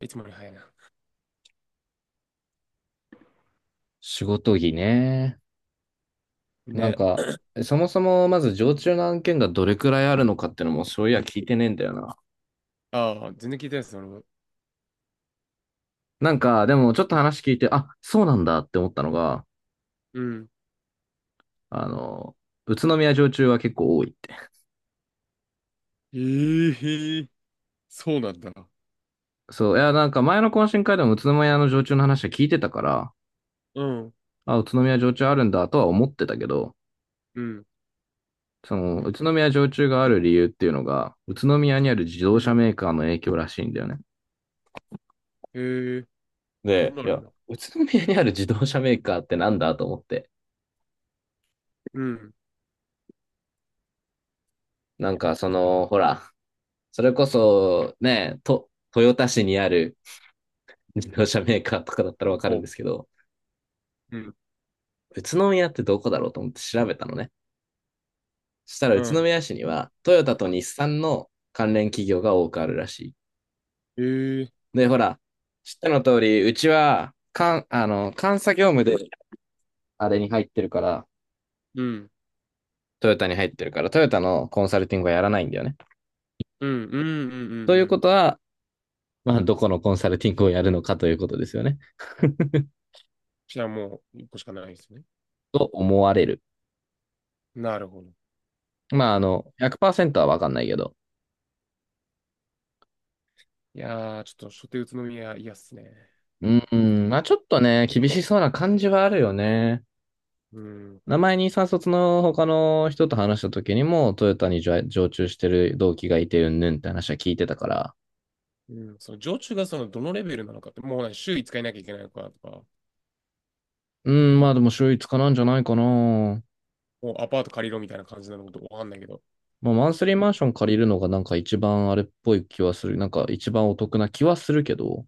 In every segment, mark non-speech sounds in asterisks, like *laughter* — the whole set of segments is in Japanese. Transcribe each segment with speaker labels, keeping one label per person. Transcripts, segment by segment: Speaker 1: いつもより早いな。
Speaker 2: 仕事着ね。なん
Speaker 1: ね。
Speaker 2: か、そもそもまず常駐の案件がどれくらいあるのかってのもそういや聞いてねえんだよな。
Speaker 1: ああ、全然聞いてないです、俺も。
Speaker 2: でもちょっと話聞いて、あ、そうなんだって思ったのが、
Speaker 1: うん。
Speaker 2: あの、宇都宮常駐は結構多いって。
Speaker 1: ええー、そうなんだ。
Speaker 2: そう、いや、前の懇親会でも宇都宮の常駐の話は聞いてたから、
Speaker 1: うん。
Speaker 2: あ、宇都宮
Speaker 1: い
Speaker 2: 常駐あるんだとは思ってたけど、
Speaker 1: うん。
Speaker 2: 宇都宮常駐がある理由っていうのが、宇都宮にある自
Speaker 1: う
Speaker 2: 動車
Speaker 1: ん。
Speaker 2: メーカーの影響らしいんだよね。
Speaker 1: ええー、そんな
Speaker 2: で、
Speaker 1: の
Speaker 2: い
Speaker 1: あるん
Speaker 2: や、
Speaker 1: だ。
Speaker 2: 宇都宮にある自動車メーカーってなんだと思って。
Speaker 1: うん。
Speaker 2: なんかその、ほら、それこそね、と、豊田市にある自動車メーカーとかだったらわかるん
Speaker 1: お、
Speaker 2: ですけど、
Speaker 1: うん。
Speaker 2: 宇都宮ってどこだろうと思って調べたのね。そしたら
Speaker 1: う
Speaker 2: 宇都
Speaker 1: ん。
Speaker 2: 宮市にはトヨタと日産の関連企業が多くあるらしい。
Speaker 1: ええー。
Speaker 2: で、ほら、知ったの通り、うちは、かん、あの、監査業務であれに入ってるから、
Speaker 1: うん。
Speaker 2: トヨタに入ってるから、トヨタのコンサルティングはやらないんだよね。
Speaker 1: うん。うん。うん。う
Speaker 2: とい
Speaker 1: ん。う
Speaker 2: うこ
Speaker 1: ん。
Speaker 2: とは、まあ、どこのコンサルティングをやるのかということですよね。
Speaker 1: じゃあもう、一個しかないですね。
Speaker 2: と思われる。
Speaker 1: なるほど。
Speaker 2: まあ、100%はわかんないけど。
Speaker 1: いやー、ちょっと、初手宇都宮、嫌っすね。
Speaker 2: うん、まあ、ちょっとね、厳しそうな感じはあるよね。
Speaker 1: うん。
Speaker 2: 名前にさん卒の他の人と話した時にも、トヨタに常駐してる同期がいて、うんぬんって話は聞いてたから。
Speaker 1: うん。その、常駐がその、どのレベルなのかって、もう、週5日いなきゃいけないのかとか、
Speaker 2: うん、まあでも週一かなんじゃないかな。
Speaker 1: もうアパート借りろみたいな感じなのかわかんないけど。
Speaker 2: まあ、マンスリーマンション借りるのがなんか一番あれっぽい気はする。なんか一番お得な気はするけど。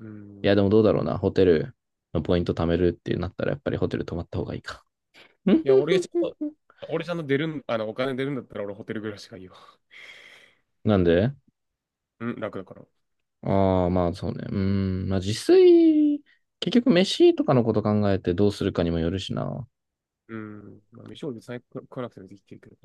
Speaker 1: う
Speaker 2: いや、でも
Speaker 1: ん。
Speaker 2: どうだろうな。ホテルのポイント貯めるってなったら、やっぱりホテル泊まった方がいいか。
Speaker 1: いや、
Speaker 2: *laughs*
Speaker 1: 俺ちゃんと出るん、お金出るんだったら俺ホテル暮らしがいいわ。
Speaker 2: なんで、
Speaker 1: うん、楽だから。
Speaker 2: ああ、まあそうね。うーん。まあ自炊、結局飯とかのこと考えてどうするかにもよるしな。
Speaker 1: うん。まあ、飯を別に食わなくてもできてるけど。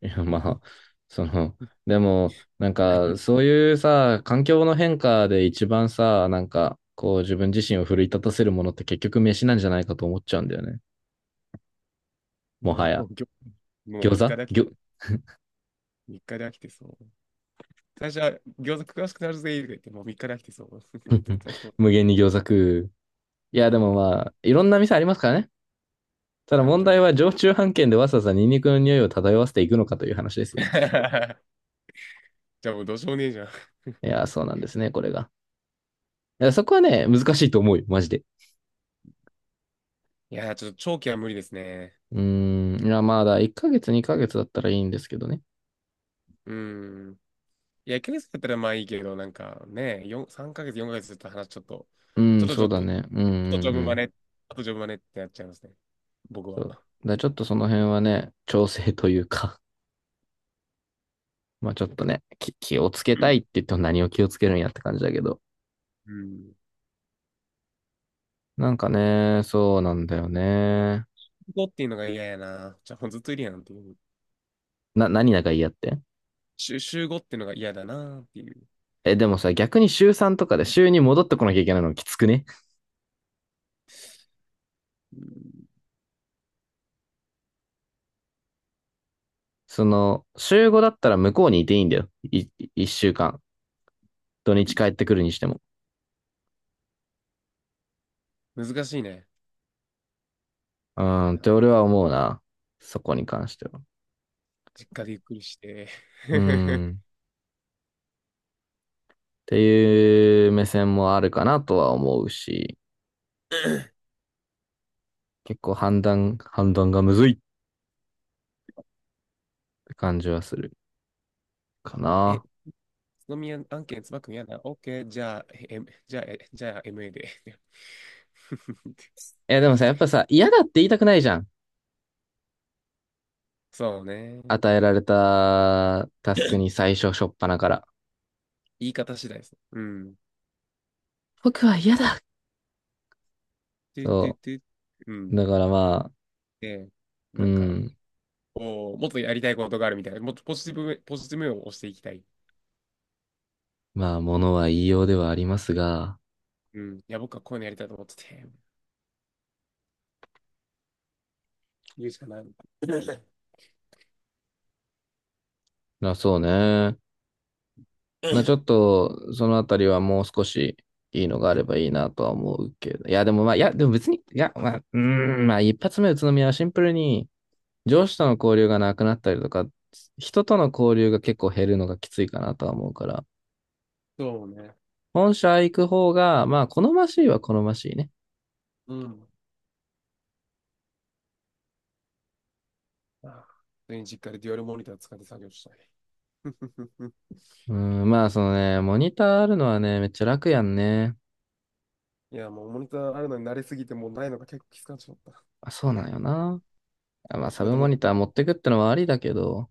Speaker 2: いや、まあ、その、でも、
Speaker 1: 逆に
Speaker 2: そういうさ、環境の変化で一番さ、こう自分自身を奮い立たせるものって結局飯なんじゃないかと思っちゃうんだよね。
Speaker 1: *laughs*
Speaker 2: もは
Speaker 1: もう、
Speaker 2: や。
Speaker 1: もう、ぎょもう
Speaker 2: 餃子餃
Speaker 1: 3日で飽きてそう。最初は餃子詳しくなるぜ、とか言って、もう3日で飽きてそう。*laughs* 絶
Speaker 2: *laughs*、
Speaker 1: 対そう。
Speaker 2: 無限に餃子食う。い
Speaker 1: い
Speaker 2: や、で
Speaker 1: や、も
Speaker 2: も
Speaker 1: ういいわ。
Speaker 2: まあ、いろんな店ありますからね。た
Speaker 1: い
Speaker 2: だ
Speaker 1: や、も
Speaker 2: 問
Speaker 1: ちろ
Speaker 2: 題
Speaker 1: ん。
Speaker 2: は、常駐飯券でわざわざニンニクの匂いを漂わせていくのかという話ですよ。
Speaker 1: *laughs* じゃあもうどうしようもねえじゃん。
Speaker 2: いや、そうなんですね、これが。やそこはね、難しいと思うよ、マジで。
Speaker 1: いや、ちょっと長期は無理ですね。
Speaker 2: うーん、いや、まだ1ヶ月、2ヶ月だったらいいんですけどね。
Speaker 1: うん。いや、1ヶ月だったらまあいいけど、なんかね、4、3ヶ月、4ヶ月ずっと話ちょっと、
Speaker 2: う
Speaker 1: ちょ
Speaker 2: ん、
Speaker 1: っとち
Speaker 2: そう
Speaker 1: ょっ
Speaker 2: だ
Speaker 1: と
Speaker 2: ね。
Speaker 1: あとジョ
Speaker 2: う
Speaker 1: ブマ
Speaker 2: ん。
Speaker 1: ネ、あとジョブマネってやっちゃいますね。僕
Speaker 2: そ
Speaker 1: は。
Speaker 2: う。だからちょっとその辺はね、調整というか、*laughs* まあちょっとね、気をつけ
Speaker 1: う
Speaker 2: た
Speaker 1: ん。
Speaker 2: いって言っても何を気をつけるんやって感じだけど。
Speaker 1: うん。
Speaker 2: なんかね、そうなんだよね。
Speaker 1: 5っていうのが嫌やな。じゃあ、ずっといるやんっていう。
Speaker 2: な、何仲嫌って
Speaker 1: 週5っていうのが嫌だなっていう。
Speaker 2: え、でもさ、逆に週3とかで週に戻ってこなきゃいけないのきつくね。その、週5だったら向こうにいていいんだよ。1週間。土日帰ってくるにしても。
Speaker 1: うん、難しいね。
Speaker 2: うー
Speaker 1: いや、
Speaker 2: んって俺は思うな。そこに関しては。
Speaker 1: 実家でゆっくりして。
Speaker 2: うー
Speaker 1: *laughs*
Speaker 2: ん。っていう目線もあるかなとは思うし、結構判断、判断がむずいって感じはするか
Speaker 1: え、
Speaker 2: な。
Speaker 1: 津宮案件、つばくん嫌だ。OK、じゃあ、じゃあ、じゃあ MA で。*laughs*
Speaker 2: え、でもさ、やっぱさ、嫌だって言いたくないじゃん。
Speaker 1: そうね。
Speaker 2: 与えられたタスクに初っ端から。
Speaker 1: 言い方次第です。うん。
Speaker 2: 僕は嫌だ。
Speaker 1: トゥトゥ
Speaker 2: そ
Speaker 1: トゥ。う
Speaker 2: う。
Speaker 1: ん。
Speaker 2: だからまあ、
Speaker 1: で、
Speaker 2: う
Speaker 1: なんか、
Speaker 2: ん。
Speaker 1: こうもっとやりたいことがあるみたいな、もっとポジティブ、ポジティブ面を押していきたい。
Speaker 2: まあ、ものは言いようではありますが、
Speaker 1: うん。いや、僕はこういうのやりたいと思ってて、言うしかない。*laughs*
Speaker 2: まあそうね。まあちょっと、そのあたりはもう少しいいのがあればいいなとは思うけど。いや、でもまあ、いや、でも別に、いや、まあ、うーん、まあ一発目宇都宮はシンプルに上司との交流がなくなったりとか、人との交流が結構減るのがきついかなとは思うから、
Speaker 1: そうね。
Speaker 2: 本社行く方が、まあ好ましいは好ましいね。
Speaker 1: うん。ああ、普通に実家でデュアルモニター使って作業したい。*laughs*
Speaker 2: うん、まあそのね、モニターあるのはね、めっちゃ楽やんね。
Speaker 1: いや、もうモニターあるのに慣れすぎて、もうないのが結構きつくなっちまった。
Speaker 2: あ、そうなんよな。まあ
Speaker 1: そう。
Speaker 2: サ
Speaker 1: だっ
Speaker 2: ブ
Speaker 1: て
Speaker 2: モ
Speaker 1: も
Speaker 2: ニター持ってくってのはありだけど、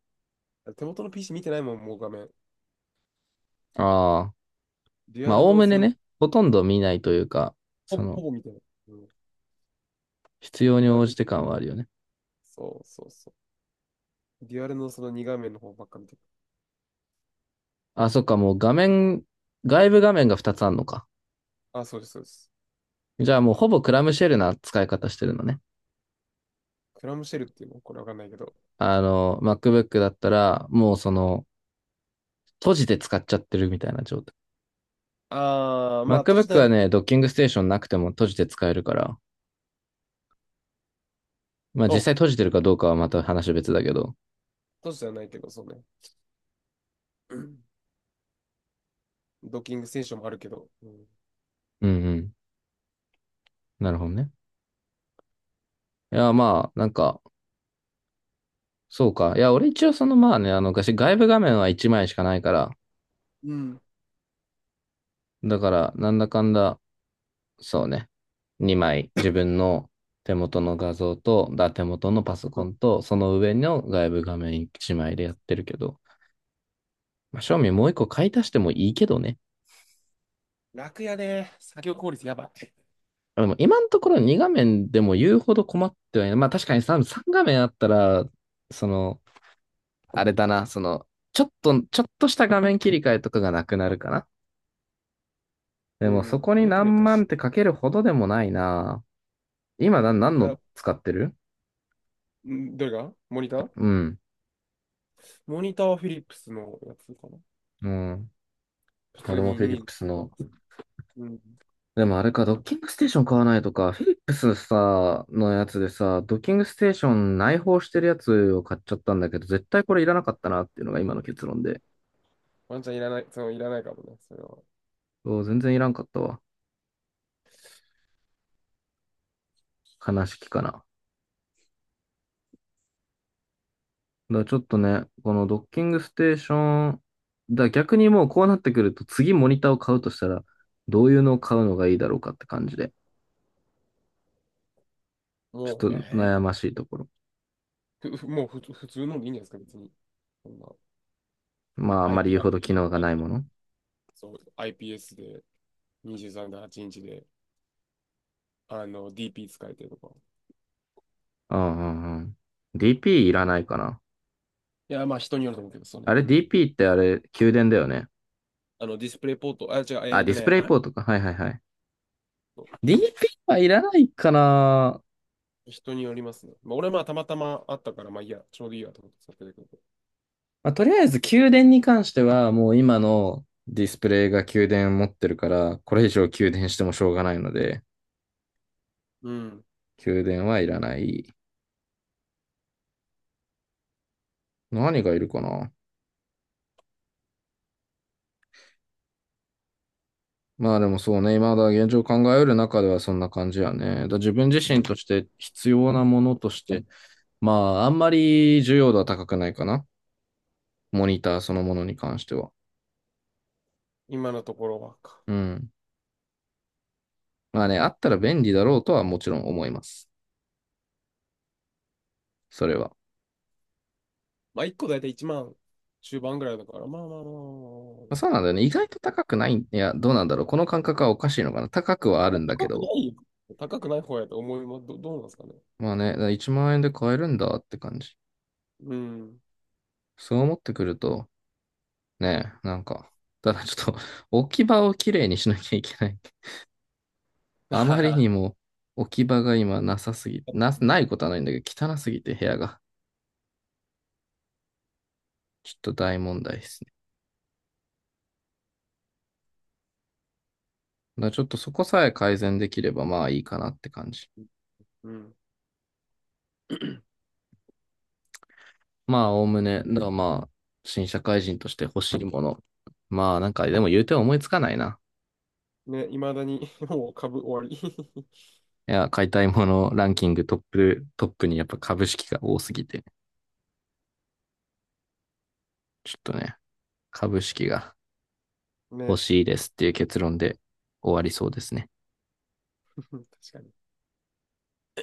Speaker 1: う、手元の PC 見てないもん、もう画面。
Speaker 2: ああ、
Speaker 1: デュア
Speaker 2: まあ
Speaker 1: ル
Speaker 2: おお
Speaker 1: の
Speaker 2: むね
Speaker 1: その、
Speaker 2: ね、ほとんど見ないというか、そ
Speaker 1: ほ、ほ
Speaker 2: の、
Speaker 1: ぼ見てない。うん。
Speaker 2: 必要
Speaker 1: デ
Speaker 2: に
Speaker 1: ュア
Speaker 2: 応
Speaker 1: ル、
Speaker 2: じて感はあるよね。
Speaker 1: そうそうそう。デュアルのその2画面の方ばっか見てる。
Speaker 2: あ、そっか、もう画面、外部画面が2つあんのか。
Speaker 1: あ、そうです、そうです。
Speaker 2: じゃあもうほぼクラムシェルな使い方してるのね。
Speaker 1: クラムシェルっていうのこれわかんないけど、
Speaker 2: あの、MacBook だったら、もうその、閉じて使っちゃってるみたいな状態。
Speaker 1: ああ、まあ、都市で
Speaker 2: MacBook
Speaker 1: は
Speaker 2: は
Speaker 1: ない、
Speaker 2: ね、ドッキングステーションなくても閉じて使えるから、まあ実
Speaker 1: お、
Speaker 2: 際閉じてるかどうかはまた話別だけど。
Speaker 1: 都市ではないけど、そうね。うん。ドッキングステーションもあるけど。うん。
Speaker 2: うんうん。なるほどね。いや、まあ、なんか、そうか。いや、俺一応昔外部画面は1枚しかないから、
Speaker 1: うん。
Speaker 2: だから、なんだかんだ、そうね。2枚、自分の手元の画像と、だ、手元のパソ
Speaker 1: う
Speaker 2: コ
Speaker 1: ん。
Speaker 2: ンと、その上の外部画面1枚でやってるけど、まあ、正味もう1個買い足してもいいけどね。
Speaker 1: 楽やね。作業効率やばい。
Speaker 2: でも今のところ2画面でも言うほど困ってはいない。まあ確かに 3画面あったら、その、あれだな、その、ちょっと、ちょっとした画面切り替えとかがなくなるかな。で
Speaker 1: う
Speaker 2: もそ
Speaker 1: ん。
Speaker 2: こ
Speaker 1: 画
Speaker 2: に
Speaker 1: 面切れる
Speaker 2: 何
Speaker 1: か
Speaker 2: 万っ
Speaker 1: し。
Speaker 2: てかけるほどでもないな。今
Speaker 1: う
Speaker 2: な、何
Speaker 1: ん。
Speaker 2: の
Speaker 1: あ、
Speaker 2: 使ってる
Speaker 1: うん。どれがモニター
Speaker 2: うん。
Speaker 1: モニターはフィリップスのやつかな。
Speaker 2: うん。
Speaker 1: 普
Speaker 2: 俺
Speaker 1: 通
Speaker 2: も
Speaker 1: に
Speaker 2: フィリ
Speaker 1: い
Speaker 2: ッ
Speaker 1: い。
Speaker 2: プスの、
Speaker 1: うん。
Speaker 2: でもあれか、ドッキングステーション買わないとか、フィリップスさ、のやつでさ、ドッキングステーション内包してるやつを買っちゃったんだけど、絶対これいらなかったなっていうのが今の結論で。
Speaker 1: ワンちゃんいらない、いらないかもね、それは。
Speaker 2: お全然いらんかったわ。悲しきかな。らちょっとね、このドッキングステーション、逆にもうこうなってくると、次モニターを買うとしたら、どういうのを買うのがいいだろうかって感じで、ちょっ
Speaker 1: も
Speaker 2: と
Speaker 1: う、
Speaker 2: 悩ましいところ。
Speaker 1: ふふもうふつ普通のでいいんじゃないですか、別に。そんな
Speaker 2: まあ、あんまり
Speaker 1: IP、
Speaker 2: 言う
Speaker 1: ア
Speaker 2: ほ
Speaker 1: イ
Speaker 2: ど
Speaker 1: ピ
Speaker 2: 機能が
Speaker 1: ー、
Speaker 2: ないもの。
Speaker 1: そう、IPS で23.8インチで、DP 使えてとか。
Speaker 2: うんうんうん。DP いらないかな。
Speaker 1: いや、まあ人によると思うけど、そうね。
Speaker 2: あれ
Speaker 1: うん。
Speaker 2: DP ってあれ、給電だよね。
Speaker 1: ディスプレイポート、あ、違う、
Speaker 2: あ、ディスプレイ
Speaker 1: あれ、
Speaker 2: ポートか。はいはいはい。DP はいらないかな。
Speaker 1: 人によりますね。まあ、俺はまあたまたまあったから、まあいいや、ちょうどいいやと思って使ってるけど。
Speaker 2: まあ、とりあえず、給電に関しては、もう今のディスプレイが給電持ってるから、これ以上給電してもしょうがないので、
Speaker 1: うん。
Speaker 2: 給電はいらない。何がいるかな。まあでもそうね、現状考えうる中ではそんな感じやね。だから自分自身として必要なものとして、まああんまり重要度は高くないかな。モニターそのものに関しては。
Speaker 1: 今のところはか。
Speaker 2: うん。まあね、あったら便利だろうとはもちろん思います。それは。
Speaker 1: まあ1個だいたい1万中盤ぐらいだから、まあまあまあまあま
Speaker 2: まあ
Speaker 1: あ。
Speaker 2: そうなんだよね。意外と高くない。いや、どうなんだろう。この感覚はおかしいのかな。高くはあるんだけ
Speaker 1: 高く
Speaker 2: ど。
Speaker 1: ないよ。高くない方やと思います。どうなんですかね。
Speaker 2: まあね、だから1万円で買えるんだって感じ。
Speaker 1: うん。
Speaker 2: そう思ってくると、ね、なんか、ただちょっと *laughs* 置き場をきれいにしなきゃいけない。あまり
Speaker 1: *laughs*
Speaker 2: にも置き場が今なさすぎ、な、ないことはないんだけど、汚すぎて部屋が。ちょっと大問題ですね。だからちょっとそこさえ改善できればまあいいかなって感じ。
Speaker 1: うん。
Speaker 2: まあ、おおむね、だからまあ、新社会人として欲しいもの。まあ、なんか、でも言うて思いつかないな。
Speaker 1: ね、いまだに *laughs* もう株終わり
Speaker 2: いや、買いたいものランキングトップ、トップにやっぱ株式が多すぎて、ちょっとね、株式が
Speaker 1: *laughs*
Speaker 2: 欲
Speaker 1: ね、
Speaker 2: しいですっていう結論で終わりそうですね。
Speaker 1: *laughs* 確かに。